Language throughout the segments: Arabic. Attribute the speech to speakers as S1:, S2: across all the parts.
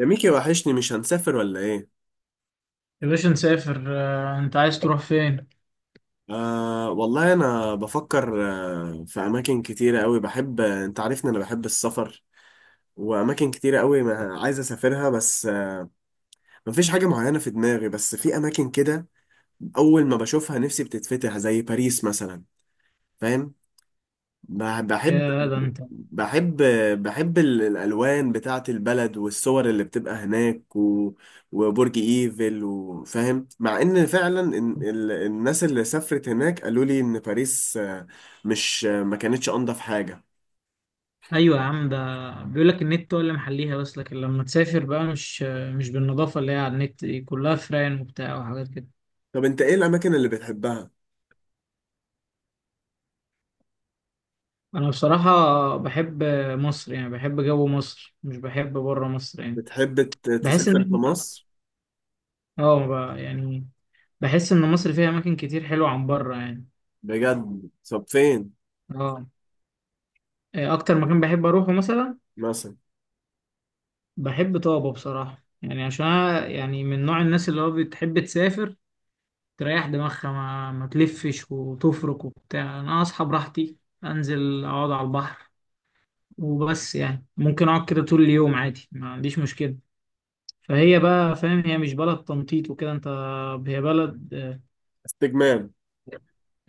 S1: يا ميكي وحشني مش هنسافر ولا ايه؟
S2: يا باشا نسافر، انت عايز تروح فين؟
S1: آه والله انا بفكر. في اماكن كتيرة قوي بحب، انت عارفني انا بحب السفر، واماكن كتيرة قوي ما عايز اسافرها. بس آه مفيش حاجة معينة في دماغي، بس في اماكن كده اول ما بشوفها نفسي بتتفتح، زي باريس مثلا. فاهم؟ بحب.
S2: يا ده انت.
S1: بحب بحب الألوان بتاعة البلد والصور اللي بتبقى هناك، و... وبرج إيفل، وفاهم. مع إن فعلا الناس اللي سافرت هناك قالوا لي إن باريس مش ما كانتش أنضف حاجة.
S2: ايوه يا عم ده، بيقول لك النت هو اللي محليها، بس لكن لما تسافر بقى مش بالنظافه اللي هي على النت دي، كلها فران وبتاع وحاجات كده.
S1: طب أنت إيه الأماكن اللي بتحبها؟
S2: انا بصراحة بحب مصر، يعني بحب جو مصر، مش بحب بره مصر يعني.
S1: بتحب
S2: بحس
S1: تسافر
S2: ان
S1: في
S2: إحنا-
S1: مصر؟
S2: اه، يعني بحس ان مصر فيها اماكن كتير حلوة عن بره يعني.
S1: بجد طب فين
S2: اه، إيه اكتر مكان بحب اروحه مثلا؟
S1: مثلا؟
S2: بحب طابة بصراحة، يعني عشان أنا يعني من نوع الناس اللي هو بتحب تسافر تريح دماغها، ما تلفش وتفرك وبتاع. انا اصحى براحتي، انزل اقعد على البحر وبس، يعني ممكن اقعد كده طول اليوم عادي، ما عنديش مشكلة. فهي بقى فاهم، هي مش بلد تنطيط وكده انت. هي بلد
S1: استجمام.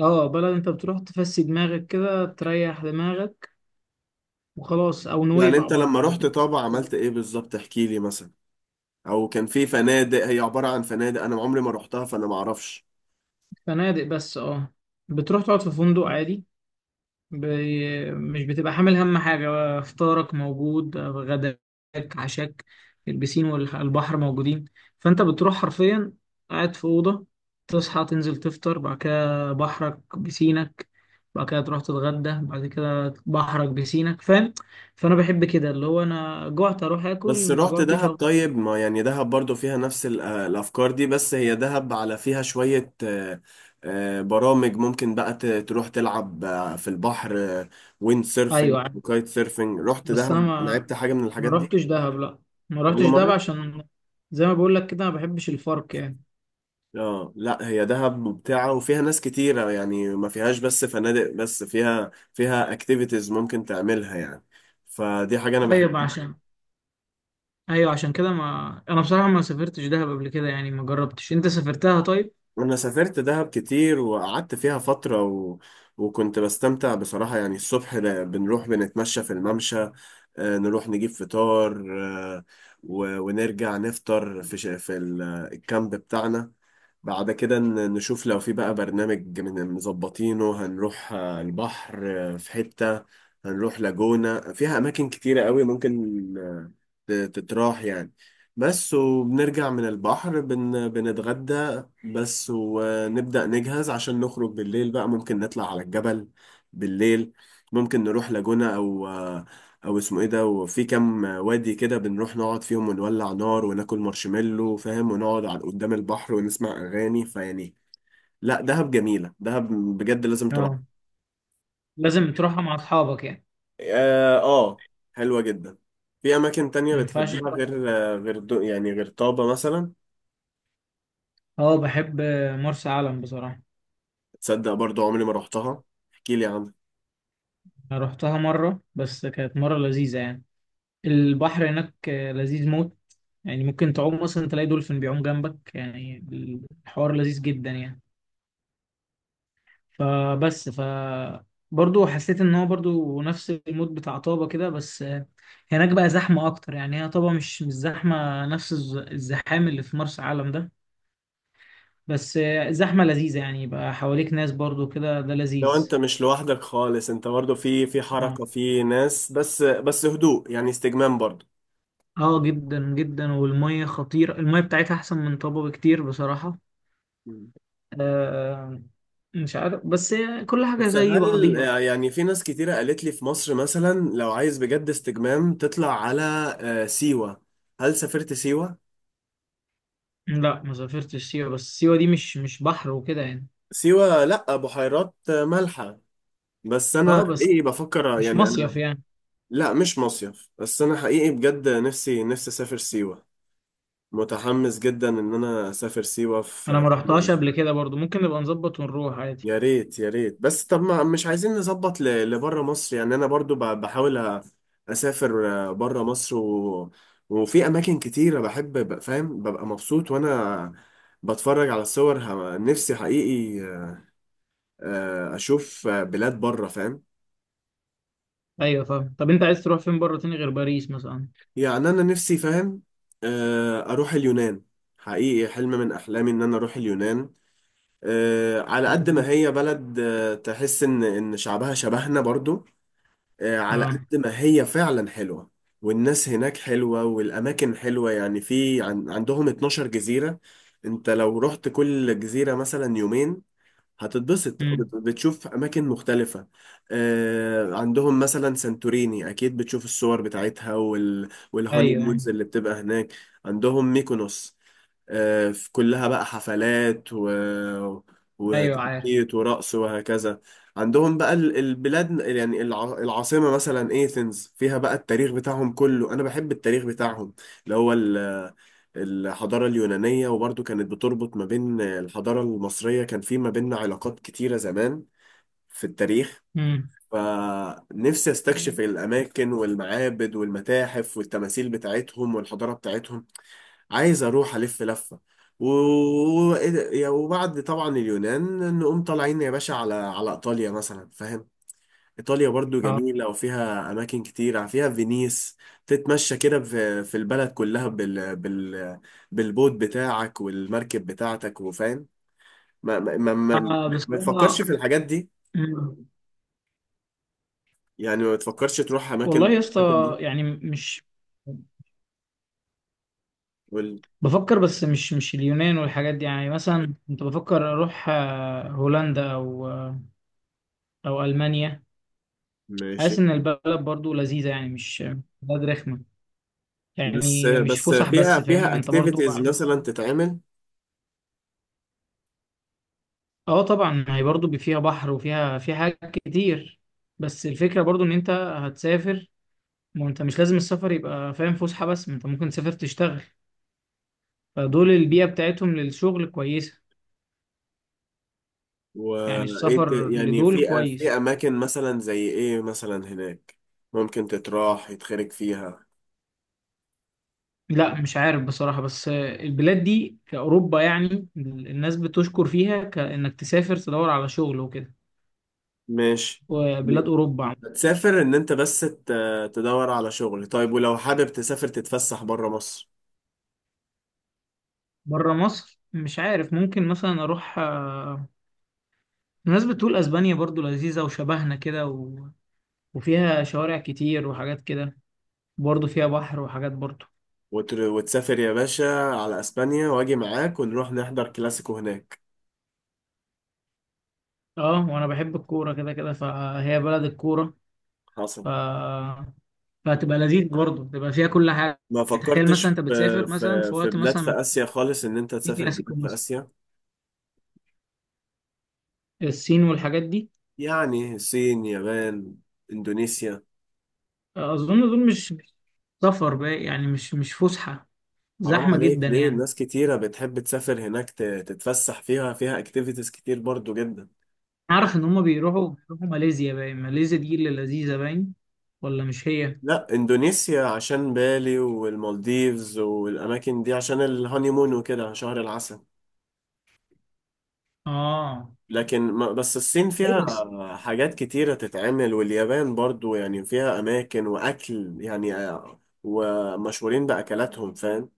S2: اه آه، بلد انت بتروح تفسي دماغك كده، تريح دماغك وخلاص. او
S1: يعني
S2: نويبع
S1: أنت
S2: برضو،
S1: لما رحت
S2: الاتنين
S1: طابة عملت إيه بالظبط؟ احكي لي مثلا، أو كان في فنادق؟ هي عبارة عن فنادق أنا عمري ما رحتها، فأنا ما أعرفش.
S2: فنادق بس. اه بتروح تقعد في فندق عادي، مش بتبقى حامل هم حاجة، فطارك موجود، غداك، عشاك، البسين والبحر موجودين. فأنت بتروح حرفيا قاعد في أوضة، تصحى تنزل تفطر، بعد كده بحرك بسينك، بعد كده تروح تتغدى، بعد كده بحرك بسينك فاهم. فأنا بحب كده، اللي هو أنا جوعت أروح آكل،
S1: بس
S2: ما
S1: رحت
S2: جوعتش
S1: دهب؟
S2: أفضل.
S1: طيب ما يعني دهب برضو فيها نفس الأفكار دي، بس هي دهب على فيها شوية برامج. ممكن بقى تروح تلعب في البحر ويند سيرفينج
S2: أيوة عارف.
S1: وكايت سيرفينج. رحت
S2: بس أنا
S1: دهب
S2: ما
S1: لعبت حاجة من
S2: ما
S1: الحاجات دي
S2: رحتش دهب، لأ، ما
S1: ولا
S2: رحتش دهب،
S1: مرة؟
S2: عشان زي ما بقول لك كده، ما بحبش الفرق يعني.
S1: اه لا، هي دهب ممتعة وفيها ناس كتيرة، يعني ما فيهاش بس فنادق، بس فيها اكتيفيتيز ممكن تعملها يعني، فدي حاجة أنا
S2: أيوة
S1: بحبها.
S2: عشان ايوه عشان كده، ما انا بصراحه ما سافرتش دهب قبل كده، يعني ما جربتش. انت سافرتها طيب؟
S1: انا سافرت دهب كتير وقعدت فيها فترة و... وكنت بستمتع بصراحة. يعني الصبح بنروح بنتمشى في الممشى، نروح نجيب فطار، آه، و... ونرجع نفطر في الكامب بتاعنا. بعد كده نشوف لو في بقى برنامج من مظبطينه هنروح البحر. في حتة هنروح لاجونا، فيها أماكن كتيرة قوي ممكن تتراح يعني. بس وبنرجع من البحر بنتغدى بس، ونبدأ نجهز عشان نخرج بالليل. بقى ممكن نطلع على الجبل بالليل، ممكن نروح لاجونة أو أو اسمه إيه ده، وفي كام وادي كده بنروح نقعد فيهم ونولع نار وناكل مارشميلو فاهم، ونقعد على قدام البحر ونسمع أغاني، فيعني لا دهب جميلة، دهب بجد لازم تروح.
S2: اه، لازم تروحها مع اصحابك يعني،
S1: آه, آه حلوة جدا. في أماكن تانية
S2: ما ينفعش
S1: بتحبها
S2: تروح
S1: غير
S2: لوحدك.
S1: يعني غير طابة مثلا؟
S2: اه، بحب مرسى علم بصراحه.
S1: تصدق برضو عمري ما روحتها، احكي لي عنها.
S2: انا رحتها مره بس، كانت مره لذيذه يعني. البحر هناك لذيذ موت، يعني ممكن تعوم مثلا تلاقي دولفين بيعوم جنبك يعني. الحوار لذيذ جدا يعني. فبس برضه حسيت ان هو برضه نفس المود بتاع طابة كده، بس هناك بقى زحمة اكتر. يعني هي طابة مش زحمة نفس الزحام اللي في مرسى علم ده، بس زحمة لذيذة يعني، يبقى حواليك ناس برضه كده، ده
S1: لو انت
S2: لذيذ.
S1: مش لوحدك خالص انت برضو في في
S2: اه،
S1: حركة، في ناس، بس هدوء، يعني استجمام برضو.
S2: اه، جدا جدا، والمية خطيرة، المية بتاعتها احسن من طابة بكتير بصراحة.
S1: مم.
S2: آه مش عارف، بس كل حاجة
S1: بس
S2: زي
S1: هل
S2: بعضيها.
S1: يعني في ناس كتيرة قالت لي في مصر مثلا لو عايز بجد استجمام تطلع على سيوة. هل سافرت سيوة؟
S2: لا، ما سافرتش سيوة، بس سيوة دي مش بحر وكده يعني.
S1: سيوة لأ بحيرات مالحة. بس
S2: اه،
S1: أنا
S2: بس
S1: حقيقي بفكر
S2: مش
S1: يعني
S2: مصيف
S1: أنا،
S2: يعني.
S1: لأ مش مصيف، بس أنا حقيقي بجد نفسي نفسي أسافر سيوة. متحمس جدا إن أنا أسافر سيوة
S2: انا
S1: في،
S2: ما رحتهاش قبل كده برضو، ممكن نبقى نظبط ونروح عادي.
S1: يا ريت يا ريت. بس طب ما مش عايزين نظبط لبره مصر يعني، انا برضو بحاول اسافر بره مصر، و... وفي اماكن كتيره بحب فاهم، ببقى مبسوط وانا بتفرج على الصور. نفسي حقيقي اشوف بلاد بره فاهم.
S2: ايوه فاهم، طب انت عايز تروح فين بره تاني غير باريس مثلا؟
S1: يعني انا نفسي فاهم اروح اليونان، حقيقي حلم من احلامي ان انا اروح اليونان. على قد ما
S2: لذيذ.
S1: هي بلد تحس ان شعبها شبهنا برضو، على
S2: اه.
S1: قد ما هي فعلا حلوة. والناس هناك حلوة والأماكن حلوة، يعني في عن عندهم 12 جزيرة. انت لو رحت كل جزيرة مثلا يومين هتتبسط،
S2: امم.
S1: بتشوف أماكن مختلفة. عندهم مثلا سانتوريني، أكيد بتشوف الصور بتاعتها، والهوني
S2: ايوه، ايوه.
S1: مونز اللي بتبقى هناك. عندهم ميكونوس، في كلها بقى حفلات و...
S2: ايوه عارف.
S1: وتنطيط ورقص وهكذا. عندهم بقى البلاد، يعني العاصمة مثلا ايثنز فيها بقى التاريخ بتاعهم كله، أنا بحب التاريخ بتاعهم، اللي هو الحضارة اليونانية. وبرضو كانت بتربط ما بين الحضارة المصرية، كان في ما بيننا علاقات كتيرة زمان في التاريخ.
S2: امم.
S1: فنفسي استكشف الأماكن والمعابد والمتاحف والتماثيل بتاعتهم والحضارة بتاعتهم، عايز أروح ألف لفة. و... و- وبعد طبعا اليونان نقوم طالعين يا باشا على على إيطاليا مثلا فاهم. إيطاليا برضو
S2: اه،
S1: جميلة وفيها أماكن كتير، فيها فينيس، تتمشى كده في في البلد كلها بالبوت بتاعك والمركب بتاعتك وفاهم. ما ما ما, ما, ما
S2: بصراحه.
S1: تفكرش في الحاجات دي،
S2: مم.
S1: يعني ما تفكرش تروح
S2: والله يا
S1: الأماكن
S2: اسطى،
S1: دي.
S2: يعني مش
S1: وال-
S2: بفكر، بس مش اليونان والحاجات دي. يعني مثلا كنت بفكر اروح هولندا او المانيا.
S1: ماشي.
S2: حاسس ان البلد برضو لذيذه، يعني مش بلد رخمه،
S1: بس
S2: يعني مش
S1: بس
S2: فسح
S1: فيها
S2: بس فاهمني، ما انت برضو
S1: اكتيفيتيز
S2: عايز.
S1: مثلا تتعمل.
S2: اه طبعا، ما هي برضه فيها بحر، وفيها في حاجات كتير. بس الفكرة برضه ان انت هتسافر، ما انت مش لازم السفر يبقى فاهم فسحة بس، ما انت ممكن تسافر تشتغل، فدول البيئة بتاعتهم للشغل كويسة. يعني
S1: وايه
S2: السفر
S1: يعني
S2: لدول
S1: في في
S2: كويس.
S1: اماكن مثلا زي ايه مثلا هناك ممكن تتراح يتخرج فيها؟
S2: لا مش عارف بصراحة، بس البلاد دي في أوروبا يعني، الناس بتشكر فيها كأنك تسافر تدور على شغل وكده،
S1: ماشي.
S2: وبلاد أوروبا عم.
S1: تسافر ان انت بس تدور على شغل. طيب ولو حابب تسافر تتفسح بره مصر،
S2: بره مصر مش عارف، ممكن مثلا أروح. الناس بتقول اسبانيا برضو لذيذة وشبهنا كده، وفيها شوارع كتير وحاجات كده، برضه فيها بحر وحاجات برضه.
S1: وتسافر يا باشا على اسبانيا واجي معاك ونروح نحضر كلاسيكو هناك.
S2: اه، وانا بحب الكورة كده كده، فهي بلد الكورة. ف...
S1: حصل.
S2: فهتبقى لذيذ برضه، تبقى فيها كل حاجة.
S1: ما
S2: يعني تخيل مثلا
S1: فكرتش
S2: انت
S1: في
S2: بتسافر مثلا في وقت
S1: بلاد في
S2: مثلا
S1: اسيا خالص؟ ان انت
S2: في
S1: تسافر
S2: كلاسيكو
S1: بلاد في
S2: مثلا.
S1: اسيا،
S2: الصين والحاجات دي،
S1: يعني الصين، يابان، اندونيسيا.
S2: اظن دول مش سفر بقى، يعني مش فسحة،
S1: حرام
S2: زحمة
S1: عليك
S2: جدا
S1: ليه؟
S2: يعني.
S1: الناس كتيرة بتحب تسافر هناك، تتفسح فيها، فيها اكتيفيتيز كتير برضو جدا.
S2: اعرف ان هما بيروحوا ماليزيا، باين ماليزيا دي اللي لذيذة، باين، ولا مش هي؟
S1: لا اندونيسيا عشان بالي والمالديفز والاماكن دي عشان الهانيمون وكده شهر العسل.
S2: اه،
S1: لكن ما بس الصين فيها
S2: أيوة.
S1: حاجات كتيرة تتعمل، واليابان برضو يعني فيها اماكن واكل، يعني ومشهورين باكلاتهم فاهم.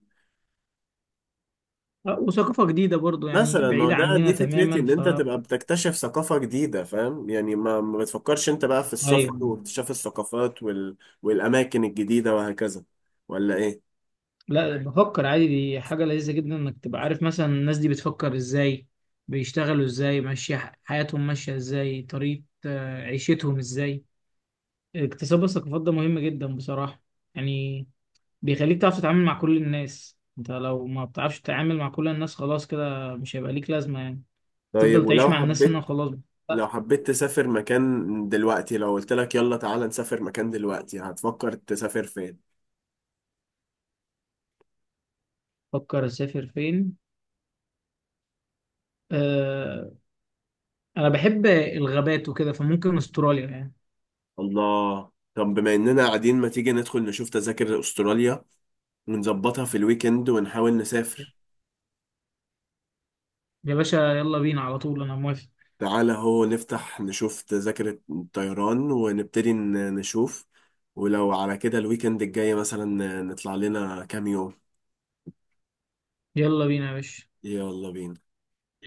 S2: وثقافة جديدة برضو، يعني
S1: مثلا ما هو
S2: بعيدة
S1: ده
S2: عننا
S1: دي فكرتي،
S2: تماما.
S1: ان انت تبقى بتكتشف ثقافة جديدة فاهم. يعني ما ما بتفكرش انت بقى في السفر
S2: ايوه،
S1: واكتشاف الثقافات والاماكن الجديدة وهكذا، ولا ايه؟
S2: لا بفكر عادي، دي حاجة لذيذة جدا، انك تبقى عارف مثلا الناس دي بتفكر ازاي، بيشتغلوا ازاي، ماشية حياتهم ماشية ازاي، طريقة عيشتهم ازاي. اكتساب الثقافات ده مهم جدا بصراحة. يعني بيخليك تعرف تتعامل مع كل الناس، انت لو ما بتعرفش تتعامل مع كل الناس خلاص كده مش هيبقى ليك لازمة يعني.
S1: طيب
S2: تفضل تعيش
S1: ولو
S2: مع الناس هنا
S1: حبيت،
S2: وخلاص
S1: لو
S2: بقى.
S1: حبيت تسافر مكان دلوقتي، لو قلت لك يلا تعالى نسافر مكان دلوقتي هتفكر تسافر فين؟
S2: فكر اسافر فين، آه، انا بحب الغابات وكده، فممكن استراليا يعني.
S1: الله. طب بما اننا قاعدين ما تيجي ندخل نشوف تذاكر استراليا ونظبطها في الويكند ونحاول نسافر.
S2: يا باشا يلا بينا على طول، انا موافق.
S1: تعالى هو نفتح نشوف تذاكر الطيران ونبتدي نشوف، ولو على كده الويكند الجاي مثلا نطلع لنا كام يوم.
S2: يلا بينا يا باشا.
S1: يلا بينا.